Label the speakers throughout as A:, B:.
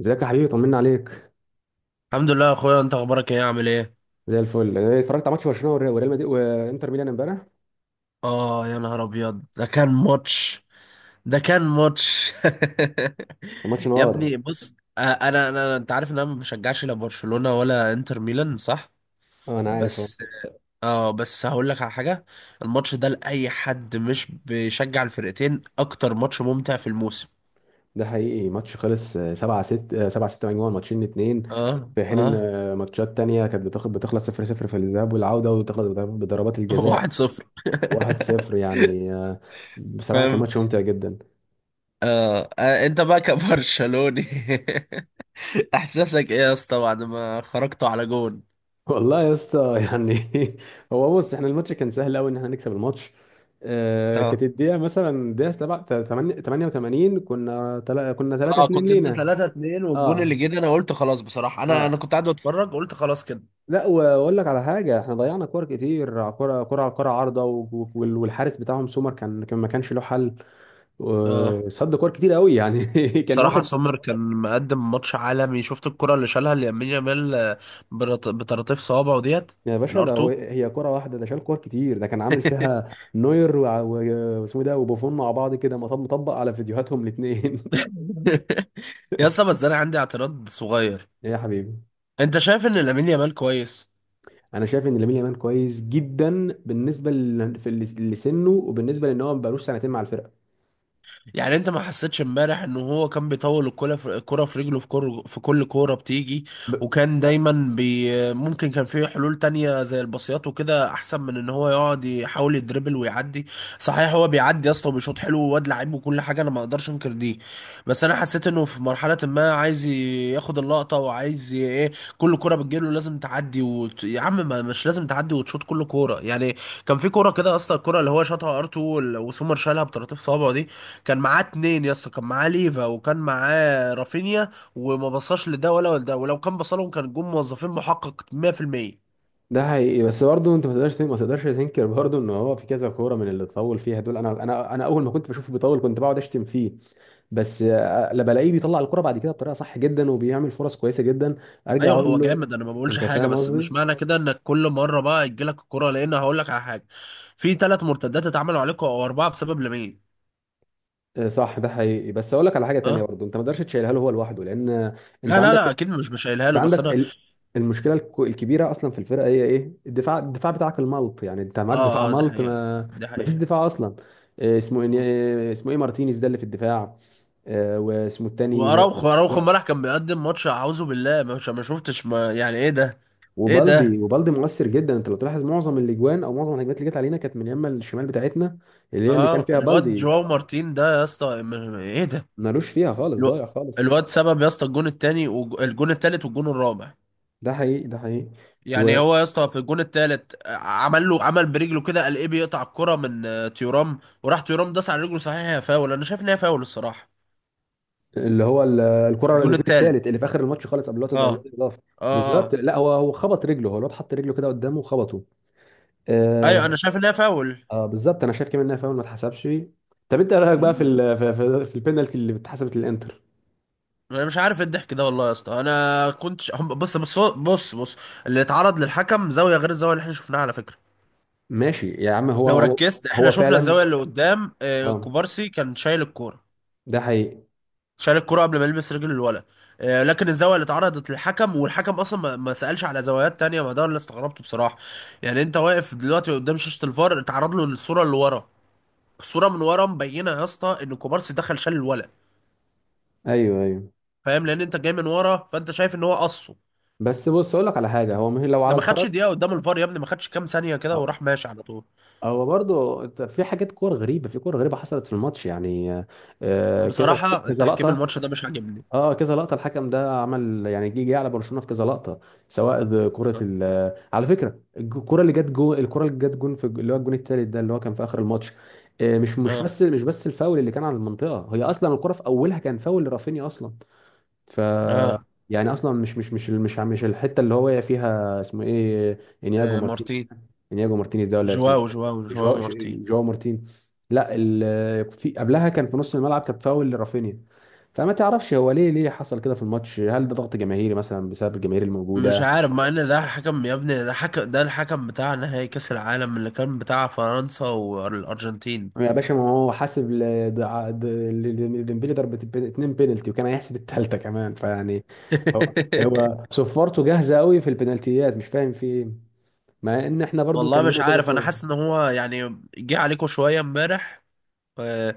A: ازيك يا حبيبي، طمنا عليك.
B: الحمد لله يا اخويا، انت اخبارك ايه؟ عامل ايه؟
A: زي الفل. انا اتفرجت على ماتش برشلونه والريال وريال مدريد وانتر ميلان امبارح.
B: اه يا نهار ابيض، ده كان ماتش. ده كان ماتش.
A: كان ماتش
B: يا
A: نار.
B: ابني بص، انا انت عارف ان انا ما بشجعش لا برشلونة ولا انتر ميلان، صح؟
A: اه، انا عارف اهو.
B: بس اه بس هقول لك على حاجة. الماتش ده لاي حد مش بيشجع الفرقتين اكتر ماتش ممتع في الموسم.
A: ده حقيقي، ماتش خلص 7-6 7-6، مجموعه ماتشين اتنين.
B: اه
A: في حين ان
B: اه.
A: ماتشات تانية كانت بتخلص 0-0 في الذهاب والعوده، وتخلص بضربات الجزاء
B: 1-0.
A: 1-0 يعني، بصراحه كان
B: فاهم؟
A: ماتش ممتع جدا.
B: آه. آه، انت بقى كبرشلوني. احساسك ايه يا اسطى بعد ما خرجتوا على جون؟
A: والله يا اسطى يعني هو بص، احنا الماتش كان سهل قوي ان احنا نكسب الماتش. كانت
B: اه
A: الدقيقه مثلا، الدقيقه 88، كنا كنا 3
B: اه،
A: 2
B: كنت انت
A: لينا.
B: 3-2 والجون اللي
A: اه
B: جه ده، انا قلت خلاص. بصراحه انا
A: اه.
B: انا كنت قاعد بتفرج، قلت خلاص كده.
A: لا، واقول لك على حاجه: احنا ضيعنا كور كتير، كره كره على كره، عارضه، والحارس بتاعهم سومر كان ما كانش له حل،
B: اه.
A: صد كور كتير قوي يعني كان
B: بصراحه
A: واخد.
B: سومر كان مقدم ماتش عالمي، شفت الكره اللي شالها لامين يامال. بطراطيف صوابعه ديت.
A: يا باشا،
B: الار 2.
A: هي كره واحده، ده شال كور كتير. ده كان عامل فيها نوير واسمه إيه ده، وبوفون مع بعض كده، مطبق على فيديوهاتهم الاثنين.
B: يا اسطى بس انا عندي اعتراض صغير.
A: ايه يا حبيبي؟
B: انت شايف ان لامين يامال كويس؟
A: انا شايف ان لامين يامال كويس جدا، بالنسبه لسنه، وبالنسبه لان هو ما بقالوش سنتين مع الفرقه.
B: يعني انت ما حسيتش امبارح ان هو كان بيطول الكرة في الكرة في رجله في كل كورة بتيجي؟
A: ب-
B: وكان دايما ممكن كان فيه حلول تانية زي الباصيات وكده احسن من ان هو يقعد يحاول يدربل ويعدي. صحيح هو بيعدي يا اسطى وبيشوط حلو وواد لعيب وكل حاجة، انا ما اقدرش انكر دي. بس انا حسيت انه في مرحلة ما عايز ياخد اللقطة وعايز ايه، كل كرة بتجيله لازم تعدي يا عم، ما مش لازم تعدي وتشوط كل كورة يعني. كان في كورة كده يا اسطى، الكورة اللي هو شاطها ار2 وسومر شالها بطراطيف صوابعه دي. كان معاه اتنين يا اسطى، كان معاه ليفا وكان معاه رافينيا، وما بصاش لده ولا لده، ولو كان بصلهم كان جم موظفين، محقق 100%.
A: ده حقيقي، بس برضه انت ما تقدرش تنكر برضه ان هو في كذا كوره من اللي اتطول فيها دول. انا اول ما كنت بشوفه بيطول كنت بقعد اشتم فيه، بس لا، بلاقيه بيطلع الكرة بعد كده بطريقه صح جدا وبيعمل فرص كويسه جدا. ارجع
B: ايوه،
A: اقول
B: هو
A: له.
B: جامد انا ما بقولش
A: انت
B: حاجه،
A: فاهم
B: بس مش
A: قصدي؟
B: معنى كده انك كل مره بقى يجيلك الكره، لان هقول لك على حاجه. في ثلاث مرتدات اتعملوا عليكم او اربعه بسبب لمين؟
A: صح، ده حقيقي، بس اقول لك على حاجه تانية
B: اه.
A: برضه: انت ما تقدرش تشيلها له هو لوحده، لان انت
B: لا لا لا،
A: عندك،
B: اكيد مش مش شايلها
A: انت
B: له، بس
A: عندك
B: انا.
A: المشكله الكبيره اصلا في الفرقه هي ايه؟ الدفاع، الدفاع بتاعك الملط. يعني انت
B: اه
A: معاك دفاع
B: اه. ده
A: ملط،
B: حقيقه.
A: ما
B: ده
A: ما فيش
B: حقيقه.
A: دفاع اصلا. إيه اسمه،
B: مم.
A: ايه اسمه، ايه مارتينيز ده اللي في الدفاع؟ واسمه التاني
B: واراوخو
A: و...
B: اراوخو امبارح كان بيقدم ماتش اعوذ بالله، مش ما شفتش ما، يعني ايه ده؟ ايه
A: وبالدي.
B: ده؟
A: وبالدي مؤثر جدا. انت لو تلاحظ معظم الاجوان او معظم الهجمات اللي جت علينا كانت من يمه الشمال بتاعتنا، اللي هي اللي كان
B: اه
A: فيها
B: الواد
A: بالدي.
B: جواو مارتين ده يا اسطى، ايه ده؟
A: ملوش فيها خالص، ضايع
B: الو-
A: خالص.
B: الواد سبب يا اسطى الجون التاني والجون التالت والجون الرابع.
A: ده حقيقي، ده حقيقي. و...
B: يعني هو يا اسطى في الجون التالت عمل له، عمل برجله كده القيب يقطع الكرة من تيورام، وراح تيورام داس على رجله، صحيح هي فاول، انا شايف ان هي فاول الصراحة.
A: اللي هو الكره اللي
B: الجون
A: الجون
B: التالت.
A: الثالث اللي في اخر الماتش خالص، قبل الوقت،
B: اه
A: ده قبل الوقت الاضافي،
B: اه
A: بالظبط.
B: اه.
A: لا، هو خبط رجله، هو الواد حط رجله كده قدامه وخبطه.
B: ايوه
A: آه,
B: انا شايف ان هي فاول.
A: اه بالظبط، انا شايف كمان انها فاول ما اتحسبش. طب انت إيه رايك بقى في
B: م-
A: البينالتي اللي اتحسبت للانتر؟
B: انا مش عارف إيه الضحك ده والله يا اسطى، انا كنتش بص بص بص بص، اللي اتعرض للحكم زاوية غير الزاوية اللي احنا شفناها على فكرة.
A: ماشي يا عم، هو
B: لو
A: هو
B: ركزت، احنا
A: هو
B: شفنا
A: فعلا.
B: الزاويه اللي قدام
A: اه،
B: كوبارسي كان شايل الكوره،
A: ده حقيقي.
B: شايل الكوره قبل ما يلمس رجل الولد. لكن الزاويه اللي اتعرضت للحكم، والحكم اصلا ما سالش على زوايات تانية، ما ده اللي استغربته بصراحه. يعني انت واقف دلوقتي قدام شاشه الفار، اتعرض له الصوره اللي ورا، الصوره من ورا مبينه يا اسطى ان كوبارسي دخل شال الولد،
A: ايوه ايوه.
B: فاهم؟ لان انت جاي من ورا، فانت شايف ان هو قصه.
A: بس بص، اقول لك على حاجه هو مهم لو
B: ده
A: على
B: ما
A: القرار.
B: خدش دقيقه قدام الفار يا ابني، ما خدش كام ثانيه كده
A: هو
B: وراح ماشي على طول.
A: هو برضه في حاجات، كور غريبه، في كور غريبه حصلت في الماتش يعني، كذا،
B: بصراحه
A: كذا
B: تحكيم
A: لقطه.
B: الماتش ده مش عاجبني.
A: اه، كذا لقطه، الحكم ده عمل يعني جه على برشلونه في كذا لقطه، سواء ده كره ال... على فكره الكره اللي جت جون، الكره اللي جت جون في اللي هو الجون الثالث ده اللي هو كان في اخر الماتش. مش مش
B: اه
A: بس مش بس الفاول اللي كان على المنطقه، هي اصلا الكره في اولها كان فاول لرافينيا اصلا. ف
B: اه
A: يعني اصلا مش الحته اللي هو واقع فيها اسمه ايه، انياجو
B: آه،
A: مارتينيز،
B: مارتين.
A: انياجو مارتينيز ده ولا اسمه
B: جواو جواو
A: إيه؟
B: جواو
A: جواو
B: مارتين.
A: جواو مارتين. لا، في قبلها كان في نص الملعب كان فاول لرافينيا. فما تعرفش هو ليه حصل كده في الماتش؟ هل ده ضغط جماهيري مثلا بسبب الجماهير
B: مش
A: الموجوده؟
B: عارف، مع ان ده حكم يا ابني، ده حكم، ده الحكم بتاع نهائي كاس العالم اللي كان بتاع فرنسا والارجنتين.
A: يا باشا، ما هو حاسب ديمبلي ضربة اتنين بينالتي، وكان هيحسب التالتة كمان، فيعني. هو هو صفارته جاهزه قوي في البنالتيات، مش فاهم في ايه. مع ان احنا برضو كان
B: والله مش
A: لينا كذا
B: عارف، انا
A: كوره.
B: حاسس ان هو يعني جه عليكم شويه امبارح آه،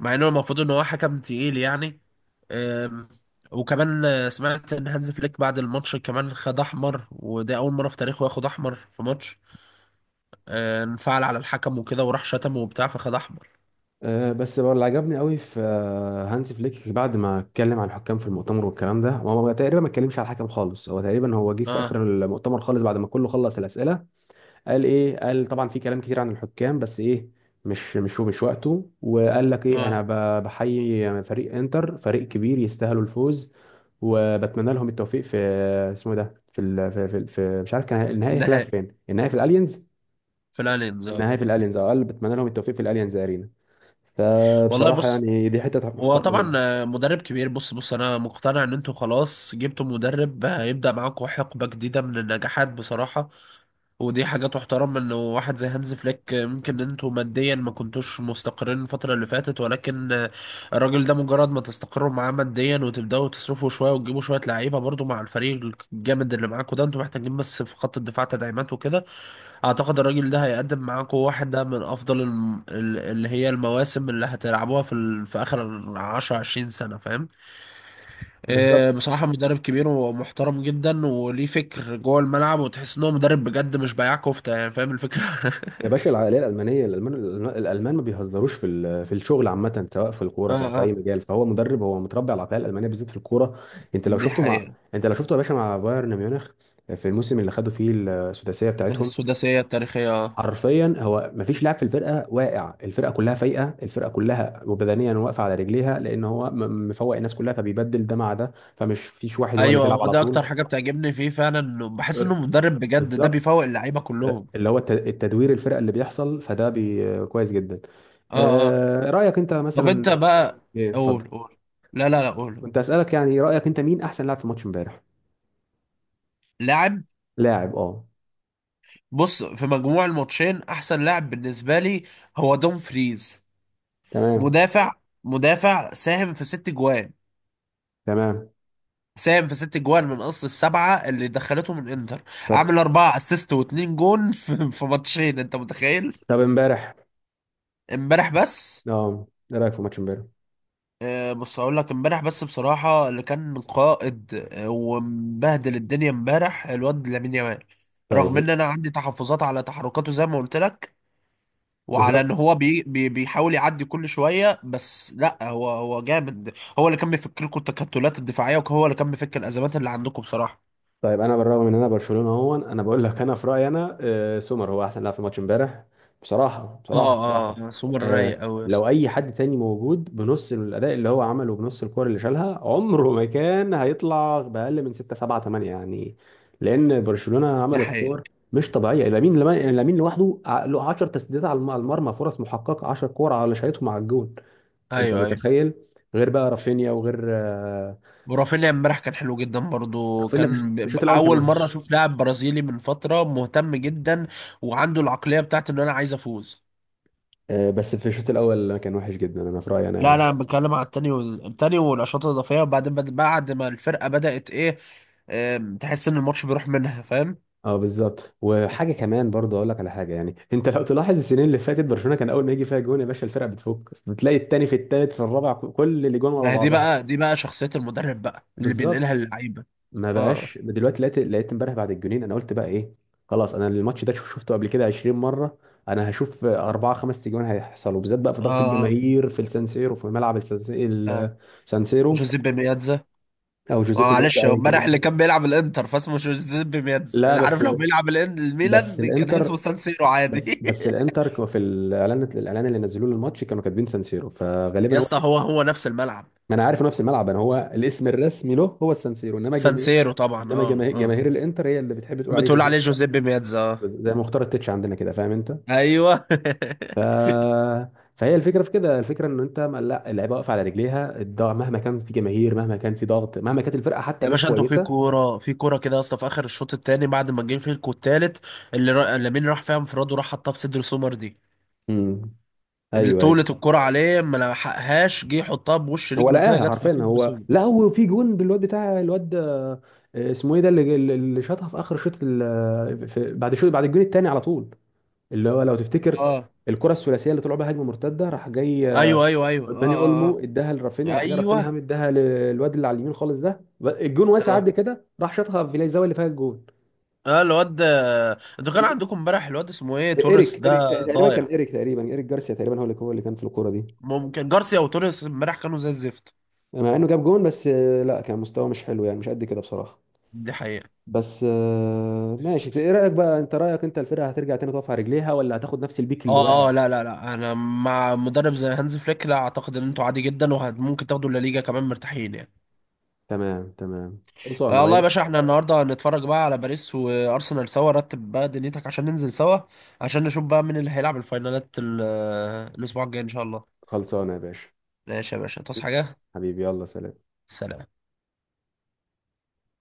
B: مع انه المفروض ان هو حكم تقيل يعني آم، وكمان سمعت ان هانز فليك بعد الماتش كمان خد احمر، وده اول مره في تاريخه ياخد احمر في ماتش. انفعل على الحكم وكده وراح شتمه وبتاع، فخد احمر.
A: أه، بس بقى اللي عجبني قوي في هانسي فليك بعد ما اتكلم عن الحكام في المؤتمر والكلام ده، هو تقريبا ما اتكلمش على الحكم خالص. هو تقريبا جه في
B: اه
A: اخر المؤتمر خالص بعد ما كله خلص الاسئله. قال ايه؟ قال طبعا في كلام كتير عن الحكام، بس ايه، مش وقته. وقال لك ايه، انا
B: اه.
A: بحيي فريق انتر، فريق كبير يستاهلوا الفوز، وبتمنى لهم التوفيق في، اسمه إيه ده، في مش عارف، كان النهائي هيتلعب
B: النهائي
A: فين؟ النهائي في الالينز.
B: في الالينز، اه.
A: النهائي في الالينز، اه. قال بتمنى لهم التوفيق في الالينز ارينا.
B: والله
A: فبصراحه
B: بص،
A: يعني دي حته
B: هو
A: محترمه منه.
B: طبعا مدرب كبير. بص بص، انا مقتنع ان انتوا خلاص جبتوا مدرب هيبدأ معاكم حقبة جديدة من النجاحات بصراحة. ودي حاجة تحترم، ان واحد زي هانز فليك، ممكن ان انتوا ماديا ما كنتوش مستقرين الفترة اللي فاتت، ولكن الراجل ده مجرد ما تستقروا معاه ماديا وتبدأوا تصرفوا شوية وتجيبوا شوية لعيبة، برضو مع الفريق الجامد اللي معاكم ده انتوا محتاجين بس في خط الدفاع تدعيمات وكده، اعتقد الراجل ده هيقدم معاكم واحدة من افضل اللي هي المواسم اللي هتلعبوها في اخر 10 20 سنة، فاهم؟ إيه،
A: بالظبط
B: بصراحة مدرب كبير ومحترم جدا وليه فكر جوه الملعب، وتحس ان هو مدرب بجد مش بياع كفتة، يعني فاهم الفكرة.
A: يا باشا، العقليه الالمانيه، الالمان ما بيهزروش في في الشغل عامه، سواء في الكوره
B: اه
A: سواء في اي
B: اه.
A: مجال. فهو مدرب، هو متربي على العقليه الالمانيه بالذات في الكوره. انت لو
B: دي
A: شفته مع،
B: حقيقة.
A: انت لو شفته يا باشا مع بايرن ميونخ في الموسم اللي خدوا فيه السداسيه بتاعتهم،
B: السداسية التاريخية، اه.
A: حرفيا هو ما فيش لاعب في الفرقه واقع، الفرقه كلها فايقه، الفرقه كلها وبدنيا واقفه على رجليها، لان هو مفوق الناس كلها، فبيبدل ده مع ده، فمش فيش واحد هو اللي
B: ايوه
A: بيلعب
B: هو
A: على
B: ده اكتر
A: طول.
B: حاجة بتعجبني فيه فعلا، انه بحس انه مدرب بجد ده
A: بالظبط،
B: بيفوق اللعيبة كلهم.
A: اللي هو التدوير، الفرق اللي بيحصل فده بي كويس جدا.
B: اه اه.
A: رأيك انت
B: طب انت
A: مثلا؟
B: بقى،
A: ايه، اتفضل.
B: قول قول. لا لا لا، قول.
A: كنت أسألك يعني رأيك انت مين احسن لاعب في ماتش امبارح؟
B: لاعب؟
A: لاعب، اه.
B: بص، في مجموع الماتشين احسن لاعب بالنسبه لي هو دوم فريز.
A: تمام.
B: مدافع. مدافع ساهم في ست جوان.
A: تمام
B: ساهم في ست جوان من اصل السبعه اللي دخلته من انتر.
A: طب،
B: عامل اربعه اسيست واتنين جون في ماتشين، انت متخيل!
A: امبارح.
B: امبارح بس
A: اه، ايه رأيك في ماتش امبارح؟
B: آه، بص هقول لك، امبارح بس بصراحه اللي كان قائد ومبهدل الدنيا امبارح الواد لامين يامال. رغم
A: طيب.
B: ان انا عندي تحفظات على تحركاته زي ما قلت لك، وعلى ان
A: بالظبط.
B: هو بي بي بيحاول يعدي كل شويه، بس لا هو جامد. هو اللي كان بيفكر لكم التكتلات الدفاعيه، وهو اللي كان بيفكر الازمات اللي عندكم بصراحه.
A: طيب انا بالرغم ان انا برشلونه اهو، انا بقول لك انا في رايي انا سومر هو احسن لاعب في الماتش امبارح. بصراحه، بصراحه،
B: اه
A: بصراحه.
B: اه. سوبر رايق قوي.
A: لو اي حد تاني موجود بنص الاداء اللي هو عمله، بنص الكور اللي شالها، عمره ما كان هيطلع باقل من 6 7 8 يعني. لان برشلونه
B: ده
A: عملت
B: حقيقي.
A: كور مش طبيعيه، لامين لامين لوحده له 10 تسديدات على على المرمى، فرص محققه، 10 كور على شايتهم على الجون. انت
B: ايوه ايوه.
A: متخيل؟ غير بقى رافينيا، وغير
B: ورافينيا امبارح كان حلو جدا برضو،
A: رافينيا في
B: كان
A: في الشوط الأول كان
B: اول مره
A: وحش.
B: اشوف لاعب برازيلي من فتره مهتم جدا وعنده العقليه بتاعت ان انا عايز افوز.
A: بس في الشوط الاول كان وحش جدا انا في رايي انا
B: لا
A: يعني.
B: لا، انا بتكلم على التاني التاني والاشواط الاضافيه، وبعدين بعد ما الفرقه بدات ايه، تحس ان الماتش بيروح منها، فاهم.
A: اه بالظبط. وحاجه كمان برضه اقول لك على حاجه: يعني انت لو تلاحظ السنين اللي فاتت، برشلونه كان اول ما يجي فيها جون يا باشا الفرقه بتفك، بتلاقي التاني في التالت في الرابع، كل اللي جون ورا
B: ما هي دي
A: بعضها.
B: بقى دي بقى شخصية المدرب بقى اللي
A: بالظبط.
B: بينقلها اللعيبة.
A: ما
B: اه
A: بقاش دلوقتي، لقيت امبارح بعد الجونين، انا قلت بقى ايه، خلاص، انا الماتش ده شفته قبل كده 20 مره. انا هشوف اربعه خمس تجوان هيحصلوا، بالذات بقى في
B: اه
A: ضغط
B: اه
A: الجماهير في السانسيرو، في ملعب السانسيرو،
B: اه.
A: السانسيرو،
B: جوزيبي ميادزا.
A: او جوزيبي مياتزا
B: معلش، هو
A: ايا كان
B: امبارح اللي
A: اسمه.
B: كان بيلعب الانتر فاسمه جوزيبي ميادزا،
A: لا
B: انا عارف،
A: بس،
B: لو بيلعب
A: بس
B: الميلان كان اسمه
A: الانتر
B: سان سيرو
A: بس
B: عادي.
A: بس الانتر في الاعلان، الاعلان اللي نزلوه للماتش كانوا كاتبين سانسيرو،
B: يا
A: فغالبا هو
B: اسطى،
A: الاسم.
B: هو هو نفس الملعب.
A: ما انا عارف إنه نفس الملعب، انا هو الاسم الرسمي له هو السانسيرو، انما
B: سان
A: جماهير،
B: سيرو طبعا، اه
A: جماهير
B: اه.
A: الانتر هي اللي بتحب تقول عليه
B: بتقول عليه
A: جوزيه.
B: جوزيبي ميادزا، اه.
A: بس زي مختار التتش عندنا كده، فاهم انت؟
B: ايوه.
A: ف... فهي الفكره في كده، الفكره ان انت، لا، اللعيبه واقفه على رجليها، الضغط مهما كان، في جماهير مهما كان، في ضغط مهما كانت الفرقه حتى
B: يا
A: مش
B: باشا انتوا في
A: كويسه.
B: كوره في كوره كده يا اسطى، في اخر الشوط الثاني بعد ما جه فيكوا الثالث، لامين راح فيها انفراد وراح حطها في صدر سومر دي.
A: امم ايوه، أيوة.
B: طولة الكرة عليه ما لحقهاش، جه يحطها بوش
A: هو
B: رجله كده،
A: لقاها
B: جت في
A: حرفيا.
B: صدر
A: هو،
B: سوبر.
A: لا، هو في جون بالواد بتاع الواد، اسمه ايه ده اللي، اللي شاطها في اخر بعد شوط، بعد الجون الثاني على طول. اللي هو لو تفتكر،
B: اه
A: الكره الثلاثيه اللي طلعوا بها هجمه مرتده، راح جاي
B: ايوه ايوه ايوه
A: داني
B: اه
A: اولمو
B: اه
A: اداها لرافينيا،
B: اه
A: راح جاي رافينيا هم
B: ايوه
A: اداها للواد اللي على اليمين خالص، ده الجون واسع
B: اه
A: قد كده، راح شاطها في الزاويه اللي فيها الجون.
B: اه. انتوا كان عندكم امبارح الواد اسمه ايه توريس
A: ايريك
B: ده.
A: ايريك تقريبا، كان
B: ضايع.
A: ايريك تقريبا، ايريك جارسيا تقريبا هو اللي اللي كان في الكوره دي.
B: ممكن جارسيا وتوريس امبارح كانوا زي الزفت.
A: مع انه جاب جون بس لا، كان مستواه مش حلو يعني، مش قد كده بصراحه.
B: دي حقيقة.
A: بس ماشي، ايه رأيك بقى انت، رأيك انت، الفرقة هترجع تاني تقف على رجليها، ولا هتاخد نفس البيك اللي واقع؟
B: اه اه. لا لا لا، انا مع مدرب زي هانز فليك، لا اعتقد ان انتوا عادي جدا، وممكن تاخدوا الليجا كمان مرتاحين يعني.
A: تمام، تمام، خلصانة
B: آه
A: بقى.
B: والله يا باشا، احنا النهارده هنتفرج بقى على باريس وارسنال سوا، رتب بقى دنيتك عشان ننزل سوا، عشان نشوف بقى مين اللي هيلعب الفاينالات الاسبوع الجاي ان شاء الله.
A: خلصانة يا باشا،
B: ماشي يا باشا، تصحى حاجه.
A: حبيبي، يلا سلام.
B: سلام.